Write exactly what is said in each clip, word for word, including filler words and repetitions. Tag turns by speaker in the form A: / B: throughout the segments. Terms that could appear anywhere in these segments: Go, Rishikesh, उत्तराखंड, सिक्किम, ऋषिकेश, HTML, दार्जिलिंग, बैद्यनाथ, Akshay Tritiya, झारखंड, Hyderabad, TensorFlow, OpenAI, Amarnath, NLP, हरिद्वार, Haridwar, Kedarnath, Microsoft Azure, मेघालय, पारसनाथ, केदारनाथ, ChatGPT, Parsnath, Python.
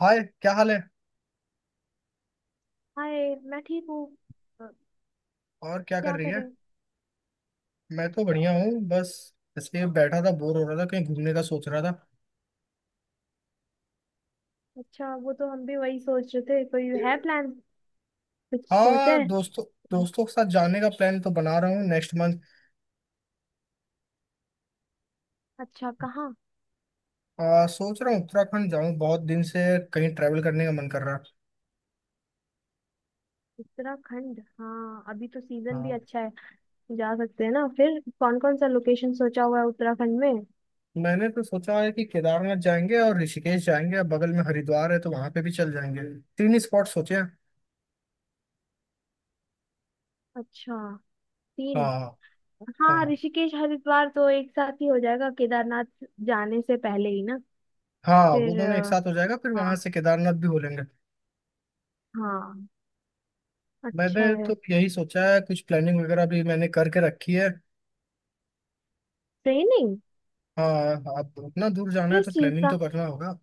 A: हाय, क्या हाल है।
B: हाय, मैं ठीक हूँ। अ,
A: और क्या कर
B: क्या
A: रही
B: कर
A: है।
B: रहे हो?
A: मैं तो बढ़िया हूँ बस। इसलिए बैठा था, बोर हो रहा था, कहीं घूमने का सोच रहा था।
B: अच्छा, वो तो हम भी वही सोच रहे थे। कोई है प्लान? कुछ सोचा
A: हाँ,
B: है?
A: दोस्तों, दोस्तों के साथ जाने का प्लान तो बना रहा हूँ नेक्स्ट मंथ।
B: अच्छा, कहाँ?
A: आ, सोच रहा हूँ उत्तराखंड जाऊँ, बहुत दिन से कहीं ट्रैवल करने का मन कर रहा है।
B: उत्तराखंड, हाँ अभी तो सीजन भी
A: हाँ।
B: अच्छा है। जा सकते हैं ना। फिर कौन कौन सा लोकेशन सोचा हुआ है उत्तराखंड में?
A: मैंने तो सोचा है कि केदारनाथ जाएंगे और ऋषिकेश जाएंगे, और बगल में हरिद्वार है तो वहां पे भी चल जाएंगे। तीन ही स्पॉट सोचे हैं।
B: अच्छा। तीन?
A: हाँ,
B: हाँ,
A: हाँ,
B: ऋषिकेश हरिद्वार तो एक साथ ही हो जाएगा। केदारनाथ जाने से पहले ही ना?
A: हाँ। वो
B: फिर
A: दोनों एक
B: अ,
A: साथ हो जाएगा, फिर वहां
B: हाँ।
A: से केदारनाथ भी हो लेंगे।
B: हाँ। अच्छा
A: मैंने
B: है।
A: तो यही सोचा है, कुछ प्लानिंग वगैरह भी मैंने करके रखी है।
B: ट्रेनिंग?
A: हाँ। अब उतना दूर जाना है
B: किस
A: तो
B: चीज
A: प्लानिंग
B: का?
A: तो करना होगा।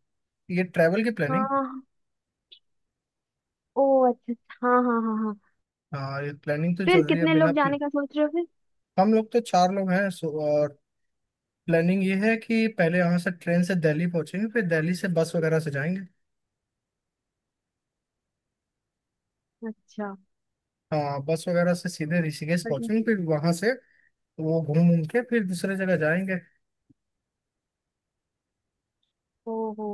A: ये ट्रैवल की प्लानिंग।
B: हाँ। ओ अच्छा अच्छा, हाँ हाँ हाँ।
A: हाँ, ये प्लानिंग तो
B: फिर
A: जरूरी है
B: कितने
A: बिना
B: लोग
A: प्ल...
B: जाने का सोच रहे हो फिर?
A: हम लोग तो चार लोग हैं, सो। और प्लानिंग ये है कि पहले यहाँ से ट्रेन से दिल्ली पहुंचेंगे, फिर दिल्ली से बस वगैरह से जाएंगे।
B: अच्छा।
A: हाँ, बस वगैरह से सीधे ऋषिकेश
B: बढ़िया।
A: पहुंचेंगे, फिर वहां से वो घूम घूम के फिर दूसरे जगह जाएंगे।
B: ओहो।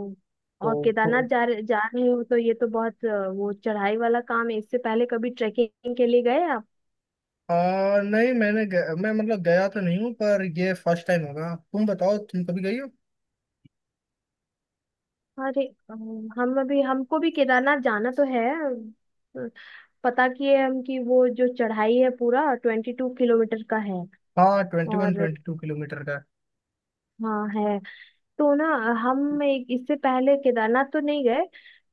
B: और
A: तो,
B: केदारनाथ
A: तो
B: जा रहे जा रहे हो तो ये तो बहुत अ, वो चढ़ाई वाला काम है। इससे पहले कभी ट्रेकिंग के लिए गए आप?
A: आ, नहीं, मैंने गया, मैं मतलब गया तो नहीं हूँ, पर ये फर्स्ट टाइम होगा। तुम बताओ तुम कभी गई हो।
B: अरे अम, हम अभी हमको भी केदारनाथ जाना तो है। अ, पता किए हम कि वो जो चढ़ाई है पूरा ट्वेंटी टू किलोमीटर का है।
A: हाँ, ट्वेंटी वन
B: और
A: ट्वेंटी टू किलोमीटर का
B: हाँ है। तो ना, हम एक इससे पहले केदारनाथ तो नहीं गए।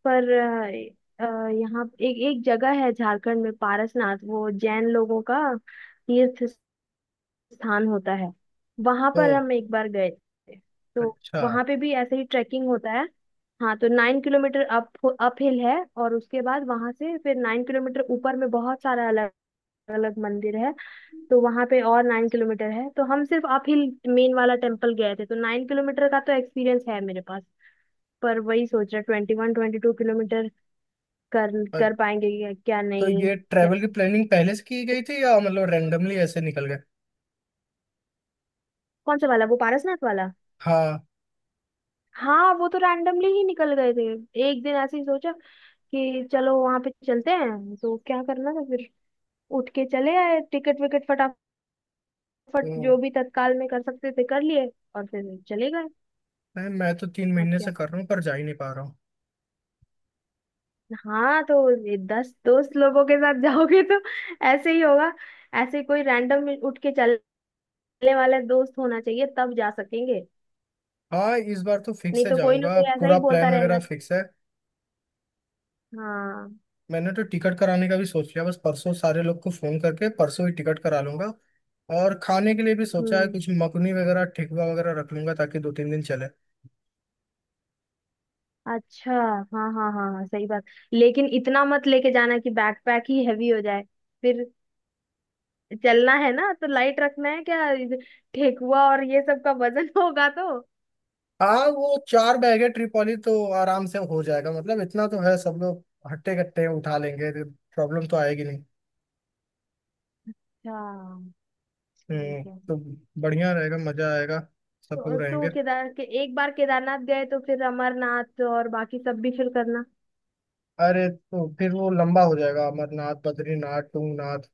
B: पर अ, अ, यहाँ एक एक जगह है झारखंड में, पारसनाथ। वो जैन लोगों का तीर्थ स्थान होता है। वहां
A: है।
B: पर
A: ओह।
B: हम एक बार गए थे। तो
A: अच्छा।
B: वहां पे भी ऐसे ही ट्रैकिंग होता है। हाँ, तो nine kilometre up up hill है। और उसके बाद वहां से फिर नाइन किलोमीटर ऊपर में बहुत सारा अलग अलग मंदिर है। तो वहां पे और नाइन किलोमीटर है। तो हम सिर्फ अप हिल, मेन वाला टेम्पल गए थे, तो नाइन किलोमीटर का तो एक्सपीरियंस है मेरे पास। पर वही सोच रहा, twenty one twenty two kilometre कर
A: अ-
B: कर पाएंगे क्या क्या
A: तो
B: नहीं।
A: ये
B: क्या?
A: ट्रैवल की प्लानिंग पहले से की गई थी या मतलब रैंडमली ऐसे निकल गए।
B: कौन सा वाला, वो पारसनाथ वाला?
A: हाँ
B: हाँ, वो तो रैंडमली ही निकल गए थे। एक दिन ऐसे ही सोचा कि चलो वहां पे चलते हैं। तो क्या करना था फिर, उठ के चले आए, टिकट विकट फटाफट
A: तो
B: जो भी तत्काल में कर सकते थे कर लिए, और फिर चले गए।
A: मैं मैं तो तीन
B: और
A: महीने से
B: क्या।
A: कर रहा हूँ पर जा ही नहीं पा रहा हूँ।
B: हाँ, तो ये दस दोस्त लोगों के साथ जाओगे तो ऐसे ही होगा। ऐसे कोई रैंडम उठ के चलने वाला दोस्त होना चाहिए, तब जा सकेंगे।
A: हाँ, इस बार तो फिक्स
B: नहीं
A: है,
B: तो कोई ना
A: जाऊंगा,
B: कोई ऐसा ही
A: पूरा
B: बोलता
A: प्लान वगैरह
B: रहेगा।
A: फिक्स है।
B: हाँ।
A: मैंने तो टिकट कराने का भी सोच लिया, बस परसों सारे लोग को फोन करके परसों ही टिकट करा लूंगा। और खाने के लिए भी सोचा है,
B: हम्म।
A: कुछ मकुनी वगैरह, ठेकुआ वगैरह रख लूंगा ताकि दो तीन दिन चले।
B: अच्छा। हाँ हाँ हाँ हाँ, सही बात। लेकिन इतना मत लेके जाना कि बैकपैक ही हैवी हो जाए। फिर चलना है ना तो लाइट रखना है। क्या इध- ठेकुआ और ये सब का वजन होगा तो।
A: हाँ, वो चार बैग है ट्रिपॉली तो आराम से हो जाएगा मतलब, इतना तो है, सब लोग हट्टे कट्टे उठा लेंगे, प्रॉब्लम तो आएगी नहीं।
B: अच्छा। ठीक
A: हम्म।
B: है।
A: तो बढ़िया रहेगा, मजा आएगा, सब
B: तो,
A: लोग
B: तो
A: रहेंगे।
B: केदार के, एक बार केदारनाथ गए तो फिर अमरनाथ और बाकी सब भी फिर करना।
A: अरे तो फिर वो लंबा हो जाएगा, अमरनाथ, बद्रीनाथ, तुंगनाथ।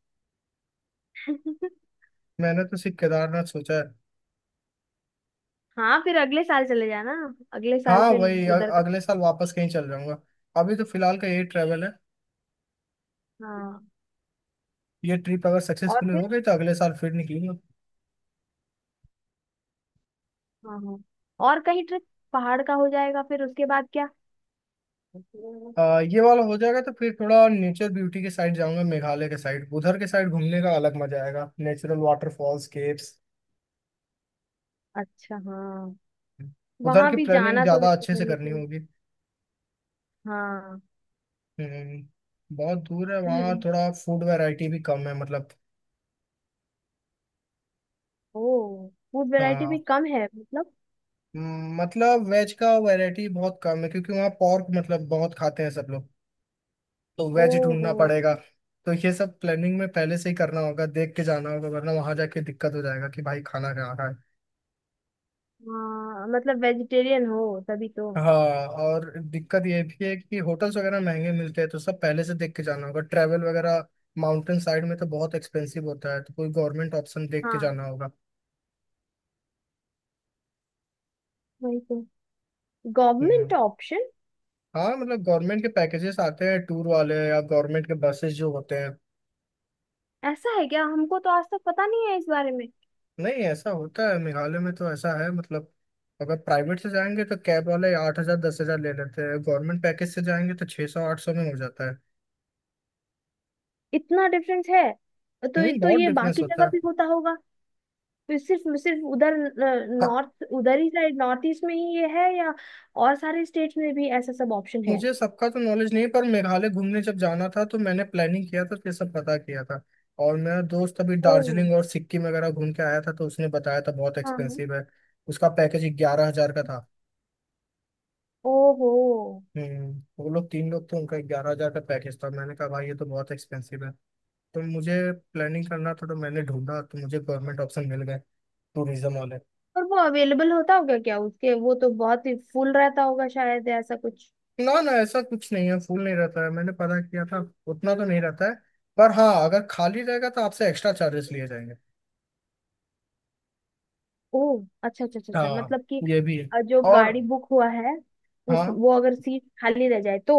A: मैंने तो सिर्फ केदारनाथ सोचा है।
B: हाँ, फिर अगले साल चले जाना। अगले साल
A: हाँ
B: फिर
A: वही अ-
B: उधर का।
A: अगले साल वापस कहीं चल जाऊंगा। अभी तो फिलहाल का यही ट्रैवल है।
B: हाँ।
A: ये ट्रिप अगर
B: और
A: सक्सेसफुल हो
B: फिर,
A: गई तो अगले साल फिर निकलूंगा।
B: हाँ हाँ, और कहीं ट्रिप पहाड़ का हो जाएगा फिर। उसके बाद क्या?
A: आ, ये वाला हो जाएगा तो फिर थोड़ा नेचर ब्यूटी के साइड जाऊंगा, मेघालय के साइड, उधर के साइड घूमने का अलग मजा आएगा, नेचुरल वाटरफॉल्स, केव्स।
B: अच्छा। हाँ,
A: उधर
B: वहां
A: की
B: भी
A: प्लानिंग
B: जाना तो
A: ज्यादा अच्छे
B: है
A: से करनी
B: लेकिन।
A: होगी।
B: हाँ।
A: हम्म, बहुत दूर है वहाँ,
B: ल-
A: थोड़ा फूड वैरायटी भी कम है मतलब।
B: ओ, फूड वैरायटी भी
A: हाँ।
B: कम है मतलब?
A: हम्म, मतलब वेज का वैरायटी बहुत कम है क्योंकि वहाँ पोर्क मतलब बहुत खाते हैं सब लोग। तो
B: ओ
A: वेज
B: हो।
A: ढूंढना पड़ेगा। तो ये सब प्लानिंग में पहले से ही करना होगा, देख के जाना होगा वरना वहाँ जाके दिक्कत हो जाएगा कि भाई खाना कहाँ का।
B: हाँ, मतलब वेजिटेरियन हो तभी तो।
A: हाँ, और दिक्कत ये भी है कि होटल्स वगैरह महंगे मिलते हैं, तो सब पहले से देख के जाना होगा, ट्रैवल वगैरह। माउंटेन साइड में तो बहुत एक्सपेंसिव होता है, तो कोई गवर्नमेंट ऑप्शन देख के
B: हाँ
A: जाना होगा।
B: वही तो, गवर्नमेंट
A: हम्म।
B: ऑप्शन?
A: हाँ मतलब गवर्नमेंट के पैकेजेस आते हैं टूर वाले, या गवर्नमेंट के बसेस जो होते हैं।
B: ऐसा है क्या? हमको तो आज तक पता नहीं है इस बारे में।
A: नहीं, ऐसा होता है, मेघालय में तो ऐसा है मतलब। अगर प्राइवेट से जाएंगे तो कैब वाले आठ हजार दस हजार ले लेते हैं, गवर्नमेंट पैकेज से जाएंगे तो छः सौ आठ सौ में हो जाता है।
B: इतना डिफरेंस है? तो
A: हम्म,
B: तो
A: बहुत
B: ये
A: डिफरेंस
B: बाकी
A: होता
B: जगह
A: है।
B: भी होता होगा। फिर सिर्फ सिर्फ उधर,
A: हाँ।
B: नॉर्थ, उधर ही साइड, नॉर्थ ईस्ट में ही ये है, या और सारे स्टेट्स में भी ऐसा सब ऑप्शन है?
A: मुझे सबका तो नॉलेज नहीं पर मेघालय घूमने जब जाना था तो मैंने प्लानिंग किया था तो ये सब पता किया था। और मेरा दोस्त अभी
B: ओ।
A: दार्जिलिंग और सिक्किम वगैरह घूम के आया था तो उसने बताया था बहुत
B: हाँ हाँ।
A: एक्सपेंसिव है। उसका पैकेज ग्यारह हजार का था।
B: ओहो।
A: हम्म। वो लोग तीन लोग थे, उनका ग्यारह हजार का पैकेज था, मैंने कहा भाई ये तो बहुत एक्सपेंसिव है। तो मुझे प्लानिंग करना था तो मैंने ढूंढा तो मुझे गवर्नमेंट ऑप्शन मिल गए, टूरिज्म वाले।
B: और वो अवेलेबल होता होगा क्या? उसके वो तो बहुत ही फुल रहता होगा शायद, या ऐसा कुछ?
A: ना, ना, ऐसा कुछ नहीं है, फुल नहीं रहता है, मैंने पता किया था। उतना तो नहीं रहता है। पर हाँ, अगर खाली रहेगा तो आपसे एक्स्ट्रा चार्जेस लिए जाएंगे।
B: ओ, अच्छा अच्छा अच्छा अच्छा,
A: हाँ,
B: मतलब कि
A: ये भी है।
B: अ, जो
A: और
B: गाड़ी बुक हुआ है उस,
A: हाँ,
B: वो अगर सीट खाली रह जाए तो?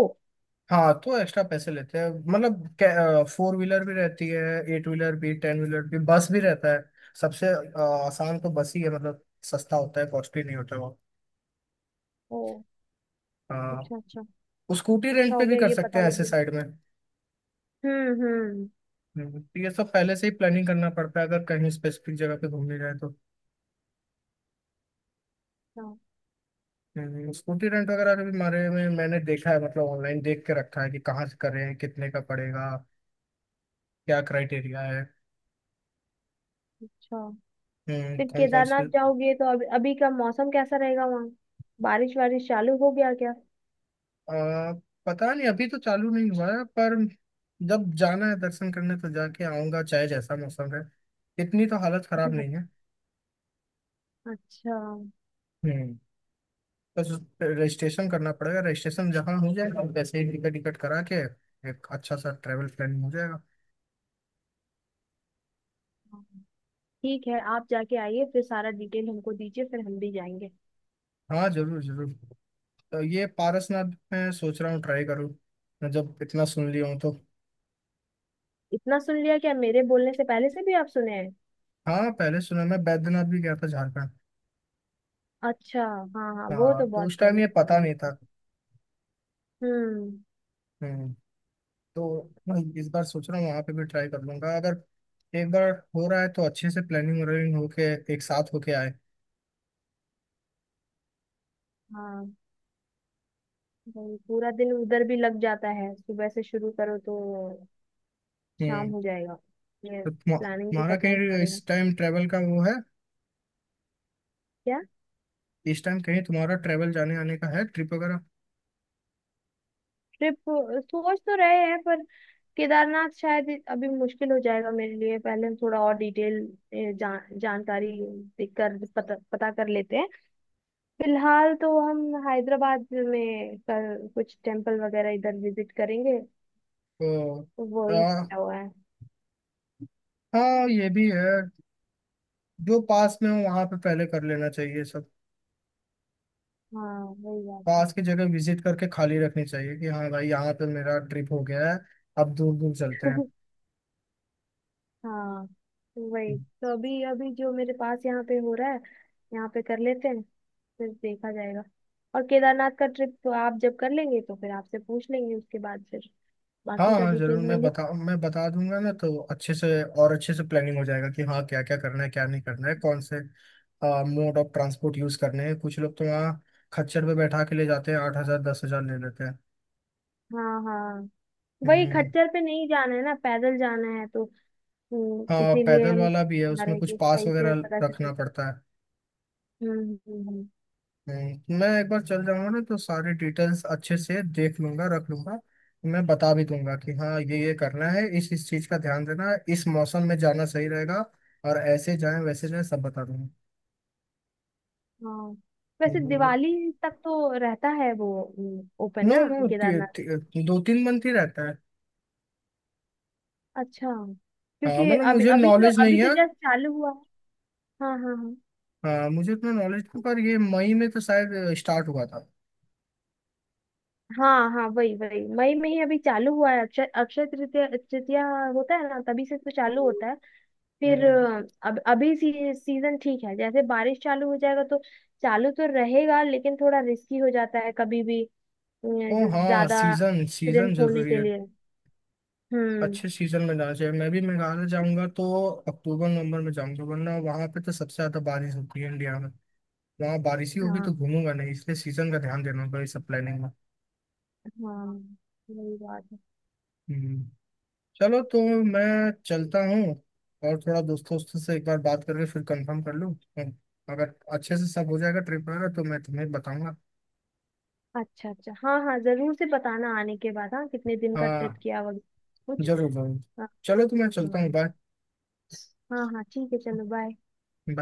A: हाँ, तो एक्स्ट्रा पैसे लेते हैं मतलब, फोर व्हीलर भी रहती है, एट व्हीलर भी, टेन व्हीलर भी, बस भी रहता है। सबसे अ, आसान तो बस ही है मतलब, सस्ता होता है, कॉस्टली नहीं होता वो।
B: ओ। अच्छा
A: हाँ,
B: अच्छा।
A: स्कूटी
B: अच्छा
A: रेंट पे
B: हो
A: भी
B: गया
A: कर
B: ये
A: सकते
B: पता
A: हैं
B: लग
A: ऐसे
B: गया।
A: साइड में।
B: हम्म। हम्म।
A: हम्म, तो ये सब पहले से ही प्लानिंग करना पड़ता है अगर कहीं स्पेसिफिक जगह पे घूमने जाए तो।
B: अच्छा।
A: हम्म, स्कूटी रेंट वगैरह के भी बारे में मैंने देखा है मतलब, ऑनलाइन देख के रखा है कि कहाँ से करें, कितने का पड़ेगा, क्या क्राइटेरिया है।
B: अच्छा।
A: हम्म,
B: फिर
A: कौन कौन
B: केदारनाथ
A: से।
B: जाओगे तो अभी अभी का मौसम कैसा रहेगा वहाँ? बारिश वारिश चालू हो गया क्या?
A: आ, पता नहीं, अभी तो चालू नहीं हुआ है, पर जब जाना है दर्शन करने तो जाके आऊंगा चाहे जैसा मौसम है। इतनी तो हालत खराब नहीं है।
B: अच्छा।
A: हम्म, बस रजिस्ट्रेशन करना पड़ेगा, रजिस्ट्रेशन जहाँ हो जाएगा वैसे ही टिकट टिकट करा के एक अच्छा सा ट्रैवल प्लानिंग हो जाएगा।
B: हाँ। ठीक है, आप जाके आइए फिर सारा डिटेल हमको दीजिए फिर हम भी जाएंगे।
A: हाँ, जरूर, जरूर। तो ये पारसनाथ मैं सोच रहा हूँ ट्राई करूँ, मैं जब इतना सुन लिया हूँ तो।
B: इतना सुन लिया क्या, मेरे बोलने से पहले से भी आप सुने हैं?
A: हाँ, पहले सुना, मैं बैद्यनाथ भी गया था झारखंड।
B: अच्छा हाँ हाँ, वो
A: हाँ
B: तो
A: तो
B: बहुत
A: उस टाइम
B: फेमस
A: ये
B: है
A: पता
B: ये
A: नहीं
B: तो।
A: था।
B: हम्म।
A: हम्म, तो इस बार सोच रहा हूँ वहां पे भी ट्राई कर लूंगा, अगर एक बार हो रहा है तो अच्छे से प्लानिंग व्लानिंग होके एक साथ होके आए।
B: हाँ वही, पूरा दिन उधर भी लग जाता है, सुबह से शुरू करो तो शाम
A: हम्म।
B: हो जाएगा। ये
A: तो तुम-
B: प्लानिंग तो
A: तुम्हारा
B: करना ही
A: कहीं
B: पड़ेगा।
A: इस टाइम ट्रेवल का वो है।
B: क्या?
A: इस टाइम कहीं तुम्हारा ट्रेवल जाने आने का है, ट्रिप वगैरह।
B: ट्रिप? सोच तो रहे हैं पर केदारनाथ शायद अभी मुश्किल हो जाएगा मेरे लिए। पहले हम थोड़ा और डिटेल जान, जानकारी देख कर पता पता कर लेते हैं। फिलहाल तो हम हैदराबाद में कर, कुछ टेम्पल वगैरह इधर विजिट करेंगे
A: तो
B: तो वो
A: आ,
B: ही सोचा हुआ है।
A: हाँ, ये भी है। जो पास में हो वहां पे पहले कर लेना चाहिए सब।
B: हाँ वही बात
A: पास की जगह विजिट करके खाली रखनी चाहिए कि हाँ भाई यहाँ पे मेरा ट्रिप हो गया है, अब दूर दूर चलते
B: है। हाँ
A: हैं।
B: वही तो अभी अभी जो मेरे पास यहाँ पे हो रहा है, यहाँ पे कर लेते हैं, फिर देखा जाएगा। और केदारनाथ का ट्रिप तो आप जब कर लेंगे तो फिर आपसे पूछ लेंगे, उसके बाद फिर
A: हाँ,
B: बाकी का
A: हाँ, जरूर,
B: डिटेल में
A: मैं
B: लिख।
A: बता मैं बता दूंगा ना तो अच्छे से। और अच्छे से प्लानिंग हो जाएगा कि हाँ, क्या क्या करना है, क्या नहीं करना है, कौन से मोड ऑफ ट्रांसपोर्ट यूज करने हैं। कुछ लोग तो वहाँ खच्चर पे बैठा के ले जाते हैं, आठ हजार दस हजार ले लेते हैं।
B: हाँ हाँ। वही
A: हम्म।
B: खच्चर पे नहीं जाना है ना, पैदल जाना है तो। हम्म,
A: हाँ,
B: इसीलिए
A: पैदल
B: हम
A: वाला भी है
B: चाह रहे
A: उसमें,
B: हैं
A: कुछ
B: कि
A: पास
B: सही से
A: वगैरह
B: पता चले।
A: रखना पड़ता है।
B: हम्म। हम्म, हम्म।
A: हम्म, मैं एक बार चल जाऊंगा ना तो सारे डिटेल्स अच्छे से देख लूंगा, रख लूंगा। मैं बता भी दूंगा कि हाँ, ये ये करना है, इस इस चीज का ध्यान देना है, इस मौसम में जाना सही रहेगा और ऐसे जाएं वैसे जाएं सब बता।
B: हाँ। वैसे
A: हम्म।
B: दिवाली तक तो रहता है वो, हम्म, ओपन
A: नो,
B: ना?
A: नो।
B: केदारनाथ।
A: दो तीन मंथ ही रहता है।
B: अच्छा,
A: हाँ,
B: क्योंकि
A: मतलब
B: अभी
A: मुझे
B: अभी तो
A: नॉलेज
B: अभी
A: नहीं
B: तो
A: है।
B: जस्ट चालू हुआ है। हाँ हाँ हाँ
A: हाँ, मुझे इतना नॉलेज नहीं पर ये मई में तो शायद स्टार्ट हुआ था।
B: हाँ। हाँ वही वही, मई में ही अभी चालू हुआ है। अक्षय अक्षय तृतीया तृतीया होता है ना, तभी से तो चालू होता है। फिर
A: हाँ।
B: अ, अब अभी सी, सीजन ठीक है। जैसे बारिश चालू हो जाएगा तो चालू तो रहेगा लेकिन थोड़ा रिस्की हो जाता है, कभी भी अ,
A: ओ
B: ज-
A: हाँ,
B: ज्यादा
A: सीजन सीजन
B: एक्सीडेंट होने
A: जरूरी
B: के
A: है।
B: लिए। हम्म।
A: अच्छे सीजन में जाना चाहिए, मैं भी मेघालय जाऊंगा तो अक्टूबर नवंबर में जाऊंगा वरना वहां पे तो सबसे ज्यादा बारिश होती है इंडिया में। वहाँ बारिश ही होगी
B: हाँ
A: तो घूमूंगा नहीं, इसलिए सीजन का ध्यान देना होगा इस सब प्लानिंग में।
B: हाँ, वही बात है।
A: हम्म। चलो तो मैं चलता हूँ, और थोड़ा दोस्तों वोस्तों से एक बार बात करके फिर कंफर्म कर लूँ। हम्म, अगर अच्छे से सब हो जाएगा ट्रिप वगैरह तो मैं तुम्हें बताऊंगा।
B: अच्छा अच्छा हाँ हाँ, जरूर से बताना आने के बाद, हाँ कितने दिन का
A: हाँ,
B: ट्रिप किया वगैरह कुछ।
A: जरूर, जरूर।
B: हाँ
A: चलो तो मैं चलता हूँ,
B: हाँ।
A: Bye bye.
B: हाँ हाँ, ठीक है चलो बाय।